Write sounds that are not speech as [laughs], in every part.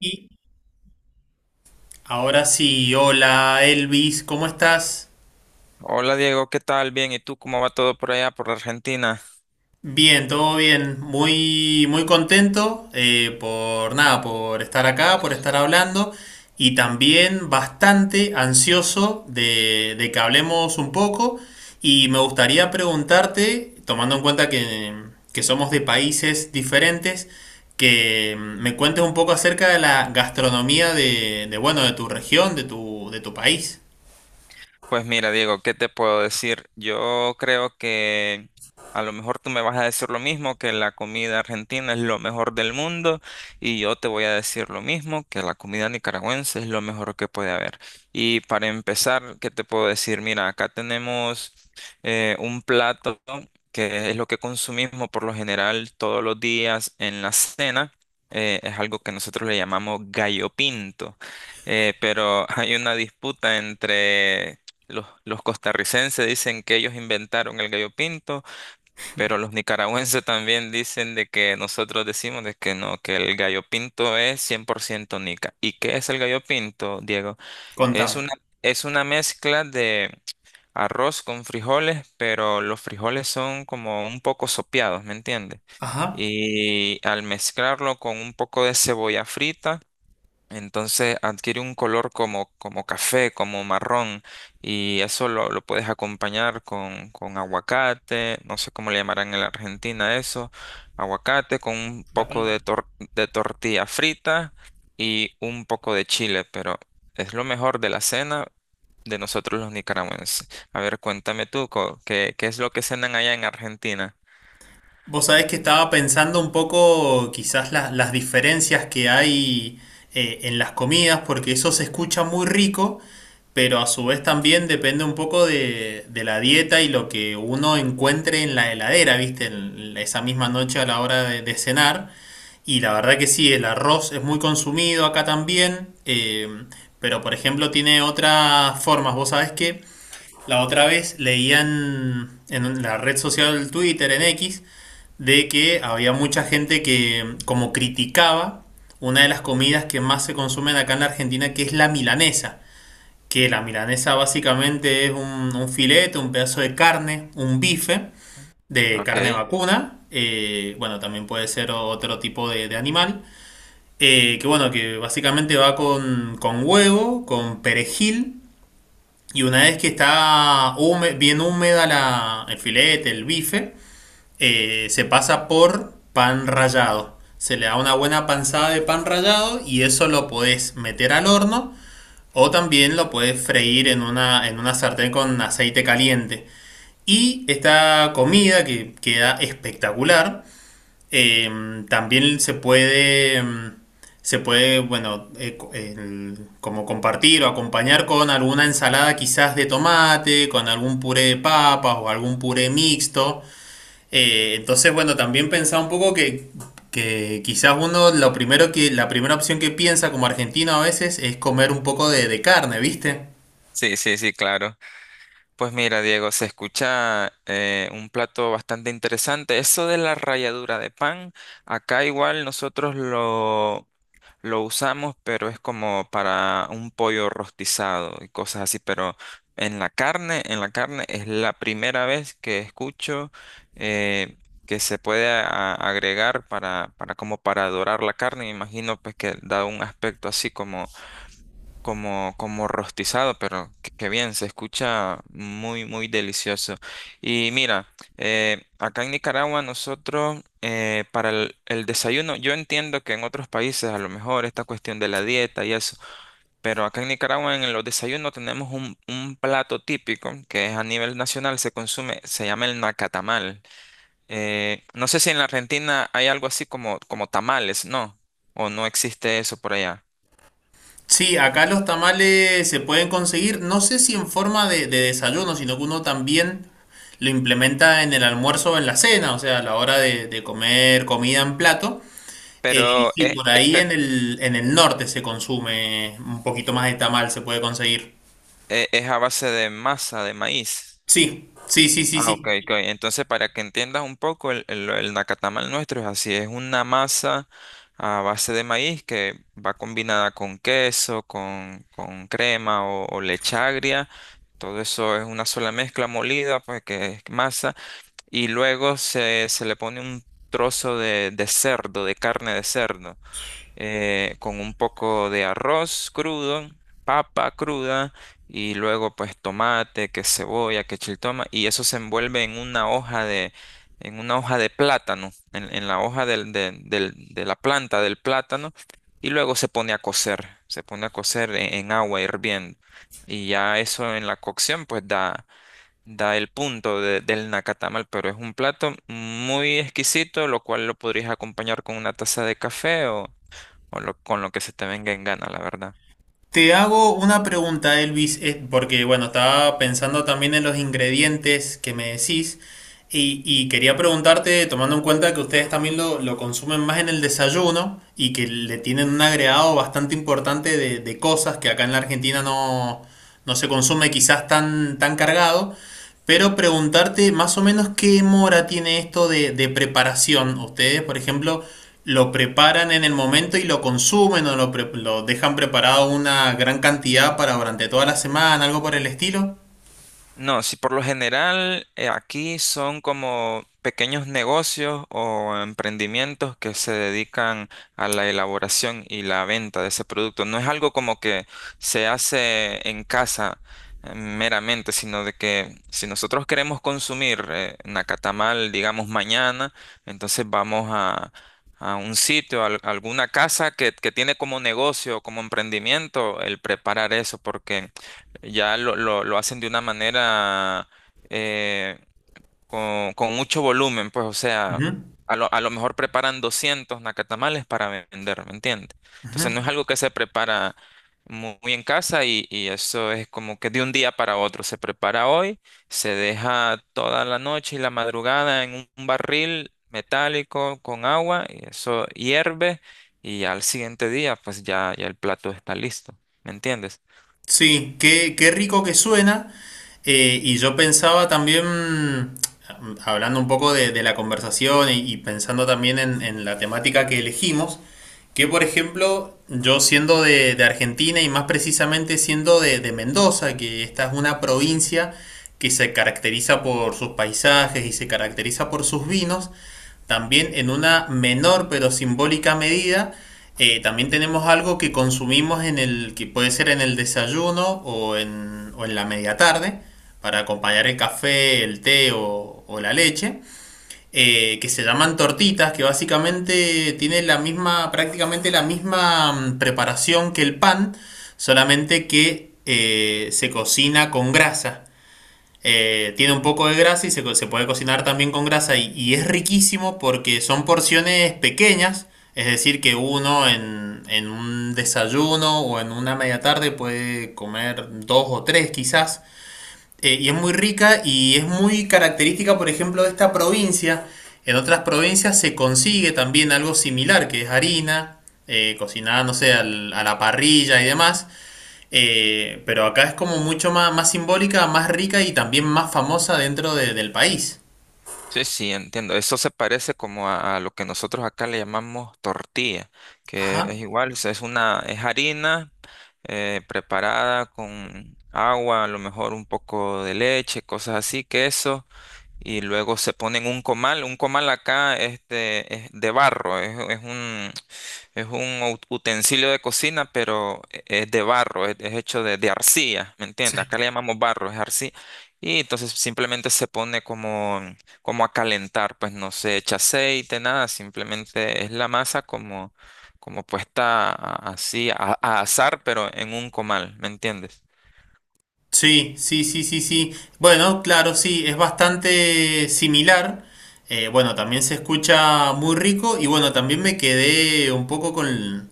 Y ahora sí, hola Elvis, ¿cómo estás? Hola Diego, ¿qué tal? Bien, ¿y tú cómo va todo por allá, por Argentina? Bien, todo bien, muy, muy contento, por nada, por estar acá, por estar hablando y también bastante ansioso de que hablemos un poco y me gustaría preguntarte, tomando en cuenta que somos de países diferentes, que me cuentes un poco acerca de la gastronomía bueno, de tu región, de tu país. Pues mira, Diego, ¿qué te puedo decir? Yo creo que a lo mejor tú me vas a decir lo mismo, que la comida argentina es lo mejor del mundo, y yo te voy a decir lo mismo, que la comida nicaragüense es lo mejor que puede haber. Y para empezar, ¿qué te puedo decir? Mira, acá tenemos un plato que es lo que consumimos por lo general todos los días en la cena. Es algo que nosotros le llamamos gallo pinto. Pero [laughs] hay una disputa entre los costarricenses dicen que ellos inventaron el gallo pinto, pero los nicaragüenses [laughs] también dicen de que nosotros decimos de que no, que el gallo pinto es 100% nica. ¿Y qué es el gallo pinto, Diego? Es Contame. una, es una mezcla de arroz con frijoles, pero los frijoles son como un poco sopeados, ¿me entiendes? Ajá. Y al mezclarlo con un poco de cebolla frita, entonces adquiere un color como café, como marrón, y eso lo puedes acompañar con aguacate, no sé cómo le llamarán en la Argentina eso, aguacate con un La poco palta. de tortilla frita y un poco de chile, pero es lo mejor de la cena de nosotros los nicaragüenses. A ver, cuéntame tú, ¿qué es lo que cenan allá en Argentina? Vos sabés que estaba pensando un poco quizás las diferencias que hay en las comidas, porque eso se escucha muy rico, pero a su vez también depende un poco de la dieta y lo que uno encuentre en la heladera, ¿viste? Esa misma noche a la hora de cenar. Y la verdad que sí, el arroz es muy consumido acá también, pero por ejemplo tiene otras formas. Vos sabés que La otra vez leían en la red social Twitter, en X, de que había mucha gente que como criticaba una de las comidas que más se consumen acá en la Argentina, que es la milanesa. Que la milanesa básicamente es un filete, un pedazo de carne, un bife de Ok, carne vacuna. Bueno, también puede ser otro tipo de animal. Que bueno, que básicamente va con huevo, con perejil, y una vez que está bien húmeda el filete, el bife, se pasa por pan rallado. Se le da una buena panzada de pan rallado y eso lo podés meter al horno o también lo podés freír en una sartén con aceite caliente. Y esta comida que queda espectacular, también se puede, mm, se puede, bueno, como compartir o acompañar con alguna ensalada quizás de tomate, con algún puré de papas o algún puré mixto. Entonces, bueno, también pensaba un poco que quizás uno lo primero que, la primera opción que piensa como argentino a veces es comer un poco de carne, ¿viste? sí, sí, sí, claro. Pues mira, Diego, se escucha un plato bastante interesante. Eso de la ralladura de pan, acá igual nosotros lo usamos, pero es como para un pollo rostizado y cosas así. Pero en la carne es la primera vez que escucho eh, que se puede agregar para como para dorar la carne. Me imagino pues que da un aspecto así como rostizado, pero qué bien, se escucha muy, muy delicioso. Y mira, acá en Nicaragua nosotros para el desayuno, yo entiendo que en otros países a lo mejor esta cuestión de la dieta y eso, pero acá en Nicaragua en los desayunos tenemos un plato típico que es a nivel nacional, se consume, se llama el nacatamal. No sé si en la Argentina hay algo así como tamales, ¿no? O no existe eso por allá. Sí, acá los tamales se pueden conseguir, no sé si en forma de desayuno, sino que uno también lo implementa en el almuerzo o en la cena, o sea, a la hora de comer comida en plato. Y Pero, sí, eh, por ahí en el norte se consume un poquito más de tamal, se puede conseguir. E- Es a base de masa de maíz. Sí, sí, sí, sí, Ah, ok, sí. ok. Entonces, para que entiendas un poco, el nacatamal nuestro es así, es una masa a base de maíz que va combinada con queso, con crema o leche agria. Todo eso es una sola mezcla molida, pues que es masa. Y luego se le pone un trozo de cerdo, de carne de cerdo con un poco de arroz crudo, papa cruda y luego pues tomate, que cebolla, que chiltoma y eso se envuelve en una hoja de, en una hoja de plátano, en la hoja de la planta del plátano y luego se pone a cocer, se pone a cocer en agua hirviendo y ya eso en la cocción, pues da el punto del nacatamal, pero es un plato muy exquisito, lo cual lo podrías acompañar con una taza de café o con lo que se te venga en gana, la verdad. Te hago una pregunta, Elvis, porque bueno, estaba pensando también en los ingredientes que me decís y quería preguntarte, tomando en cuenta que ustedes también lo consumen más en el desayuno y que le tienen un agregado bastante importante de cosas que acá en la Argentina no, no se consume quizás tan, tan cargado, pero preguntarte más o menos qué mora tiene esto de preparación. Ustedes, por ejemplo, lo preparan en el momento y lo consumen o lo dejan preparado una gran cantidad para durante toda la semana, algo por el estilo. No, si por lo general aquí son como pequeños negocios o emprendimientos que se dedican a la elaboración y la venta de ese producto. No es algo como que se hace en casa meramente, sino de que si nosotros queremos consumir nacatamal, digamos, mañana, entonces vamos a un sitio, a alguna casa que tiene como negocio, como emprendimiento, el preparar eso, porque ya lo hacen de una manera eh, con, mucho volumen, pues o sea, Ujú, a lo mejor preparan 200 nacatamales para vender, ¿me entiendes? Entonces ujú. no es algo que se prepara muy, en casa y eso es como que de un día para otro, se prepara hoy, se deja toda la noche y la madrugada en un barril metálico con agua y eso hierve y al siguiente día pues ya el plato está listo, ¿me entiendes? Sí, qué, qué rico que suena. Y yo pensaba también, hablando un poco de la conversación y pensando también en la temática que elegimos, que por ejemplo, yo siendo de Argentina y más precisamente siendo de Mendoza, que esta es una provincia que se caracteriza por sus paisajes y se caracteriza por sus vinos, también en una menor pero simbólica medida. También tenemos algo que consumimos en el, que puede ser en el desayuno o en la media tarde, para acompañar el café, el té o la leche, que se llaman tortitas, que básicamente tienen la misma, prácticamente la misma, preparación que el pan, solamente que, se cocina con grasa. Tiene un poco de grasa y se puede cocinar también con grasa y es riquísimo porque son porciones pequeñas, es decir, que uno en un desayuno o en una media tarde puede comer dos o tres quizás. Y es muy rica y es muy característica, por ejemplo, de esta provincia. En otras provincias se consigue también algo similar, que es harina, cocinada, no sé, a la parrilla y demás. Pero acá es como mucho más, más simbólica, más rica y también más famosa dentro del país. Sí, sí, entiendo. Eso se parece como a lo que nosotros acá le llamamos tortilla, Ajá. que es igual, es harina preparada con agua, a lo mejor un poco de leche, cosas así, queso y luego se ponen un comal. Un comal acá es de barro, es un utensilio de cocina, pero es de barro, es hecho de arcilla, ¿me entiendes? Acá Sí. le llamamos barro, es arcilla. Y entonces simplemente se pone como, como, a calentar, pues no se echa aceite, nada, simplemente es la masa como puesta así a asar, pero en un comal, ¿me entiendes? Sí, sí, sí, sí, sí. Bueno, claro, sí, es bastante similar. Bueno, también se escucha muy rico y bueno, también me quedé un poco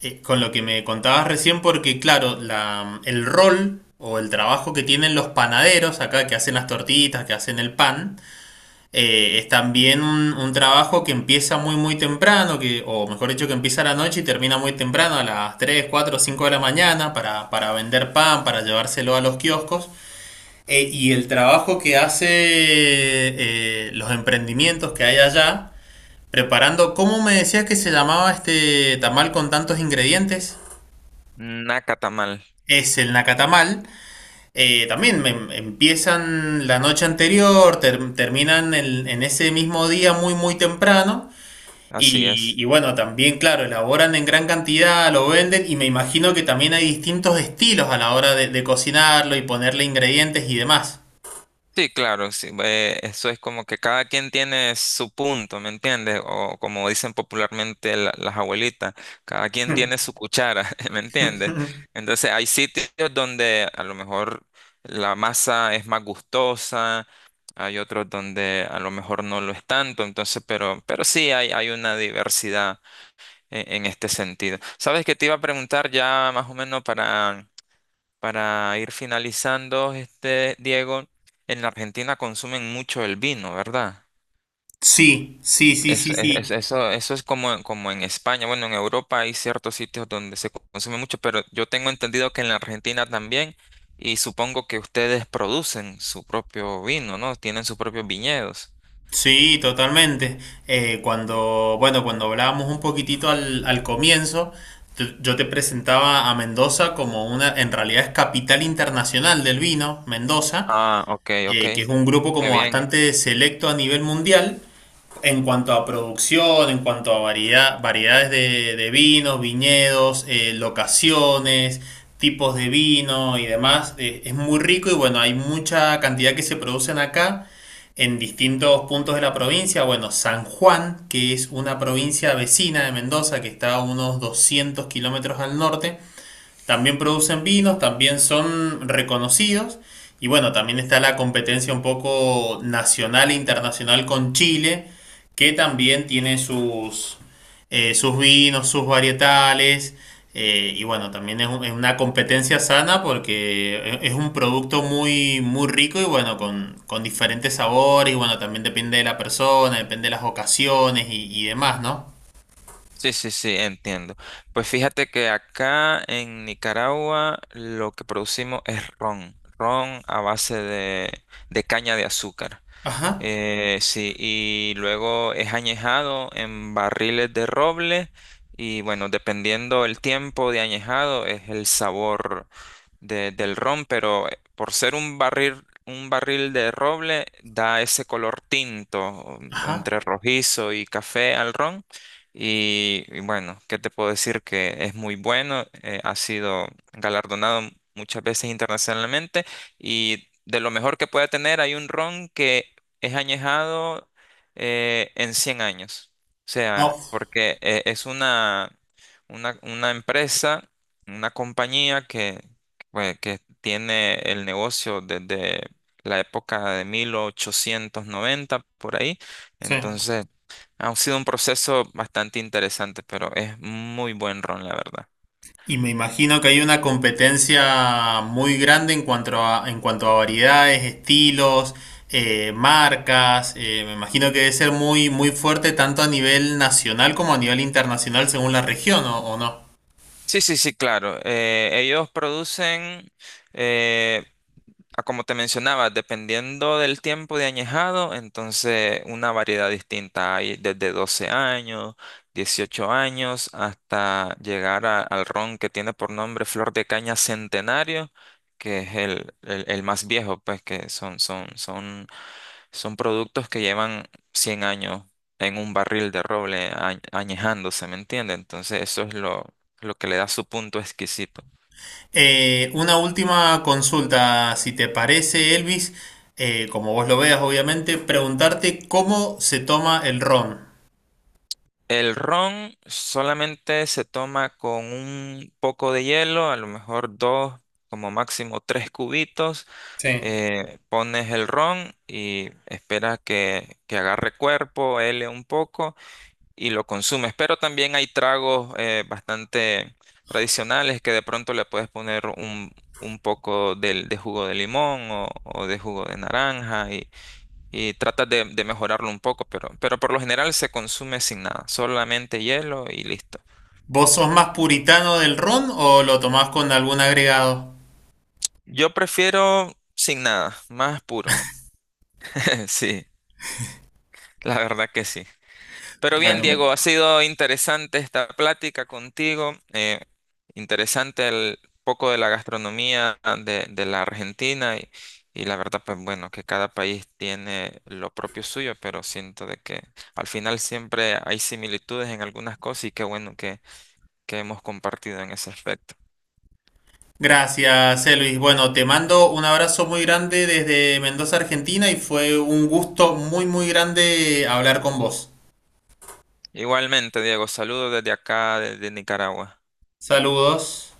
con lo que me contabas recién porque claro, el rol o el trabajo que tienen los panaderos acá que hacen las tortitas, que hacen el pan, es también un trabajo que empieza muy muy temprano, que, o mejor dicho, que empieza a la noche y termina muy temprano, a las 3, 4, 5 de la mañana, para vender pan, para llevárselo a los kioscos. Y el trabajo que hace, los emprendimientos que hay allá, preparando, ¿cómo me decías que se llamaba este tamal con tantos ingredientes? Nacatamal, Es el nacatamal. También empiezan la noche anterior, terminan en ese mismo día muy muy temprano. así es. Y bueno, también, claro, elaboran en gran cantidad, lo venden y me imagino que también hay distintos estilos a la hora de cocinarlo y ponerle ingredientes y demás. Sí, claro, sí. Eso es como que cada quien tiene su punto, ¿me entiendes? O como dicen popularmente las abuelitas, cada quien tiene su cuchara, [laughs] ¿me entiendes? [laughs] Entonces hay sitios donde a lo mejor la masa es más gustosa, hay otros donde a lo mejor no lo es tanto, entonces, pero sí hay una diversidad en este sentido. ¿Sabes qué te iba a preguntar? Ya más o menos para ir finalizando, Diego, en la Argentina consumen mucho el vino, ¿verdad? Sí, sí, sí, Es- sí, es- es- sí. eso, eso es como en España. Bueno, en Europa hay ciertos sitios donde se consume mucho, pero yo tengo entendido que en la Argentina también, y supongo que ustedes producen su propio vino, ¿no? Tienen sus propios viñedos. Sí, totalmente. Cuando, bueno, cuando hablábamos un poquitito al comienzo, yo te presentaba a Mendoza como una, en realidad es capital internacional del vino, Mendoza, Ah, ok, ok. Que es un grupo Qué como bien. bastante selecto a nivel mundial. En cuanto a producción, en cuanto a variedad, variedades de vinos, viñedos, locaciones, tipos de vino y demás, es muy rico y bueno, hay mucha cantidad que se producen acá en distintos puntos de la provincia. Bueno, San Juan, que es una provincia vecina de Mendoza, que está a unos 200 kilómetros al norte, también producen vinos, también son reconocidos. Y bueno, también está la competencia un poco nacional e internacional con Chile, que también tiene sus, sus vinos, sus varietales. Y bueno, también es, es una competencia sana porque es un producto muy, muy rico y bueno, con diferentes sabores. Y bueno, también depende de la persona, depende de las ocasiones y demás, ¿no? Sí, sí, sí, entiendo. Pues fíjate que acá en Nicaragua lo que producimos es ron, ron a base de caña de azúcar. Ajá, Sí, y luego es añejado en barriles de roble y bueno, dependiendo el tiempo de añejado es el sabor del ron, pero por ser un barril de roble da ese color tinto, ajá. entre rojizo y café al ron. Y bueno, ¿qué te puedo decir? Que es muy bueno, ha sido galardonado muchas veces internacionalmente y de lo mejor que puede tener hay un ron que es añejado en 100 años. O sea, Oh, porque es una empresa, una compañía pues que tiene el negocio desde la época de 1890 por ahí. sí. Entonces, ha sido un proceso bastante interesante, pero es muy buen ron, la verdad. Y me imagino que hay una competencia muy grande en cuanto a variedades, estilos, marcas. Me imagino que debe ser muy, muy fuerte tanto a nivel nacional como a nivel internacional según la región, o no? Sí, sí, sí, claro. Ellos producen, eh, a como te mencionaba, dependiendo del tiempo de añejado, entonces una variedad distinta. Hay desde 12 años, 18 años, hasta llegar al ron que tiene por nombre Flor de Caña Centenario, que es el más viejo, pues que son productos que llevan 100 años en un barril de roble añejándose, ¿me entiendes? Entonces eso es lo que le da su punto exquisito. Una última consulta, si te parece, Elvis, como vos lo veas, obviamente, preguntarte cómo se toma el ron. El ron solamente se toma con un poco de hielo, a lo mejor dos, como máximo tres cubitos. Sí. Pones el ron y esperas que agarre cuerpo, hele un poco y lo consumes. Pero también hay tragos bastante tradicionales que de pronto le puedes poner un, poco de, jugo de limón o de jugo de naranja y tratas de mejorarlo un poco, pero por lo general se consume sin nada, solamente hielo y listo. ¿Vos sos más puritano del ron o lo tomás con algún agregado? Yo prefiero sin nada, más puro. [laughs] Sí, la verdad que sí. Pero bien, Bueno, me... Diego, ha sido interesante esta plática contigo, interesante el poco de la gastronomía de la Argentina y la verdad, pues bueno, que cada país tiene lo propio suyo, pero siento de que al final siempre hay similitudes en algunas cosas y qué bueno que hemos compartido en ese aspecto. Gracias, Luis. Bueno, te mando un abrazo muy grande desde Mendoza, Argentina, y fue un gusto muy, muy grande hablar con vos. Igualmente, Diego, saludos desde acá, desde Nicaragua. Saludos.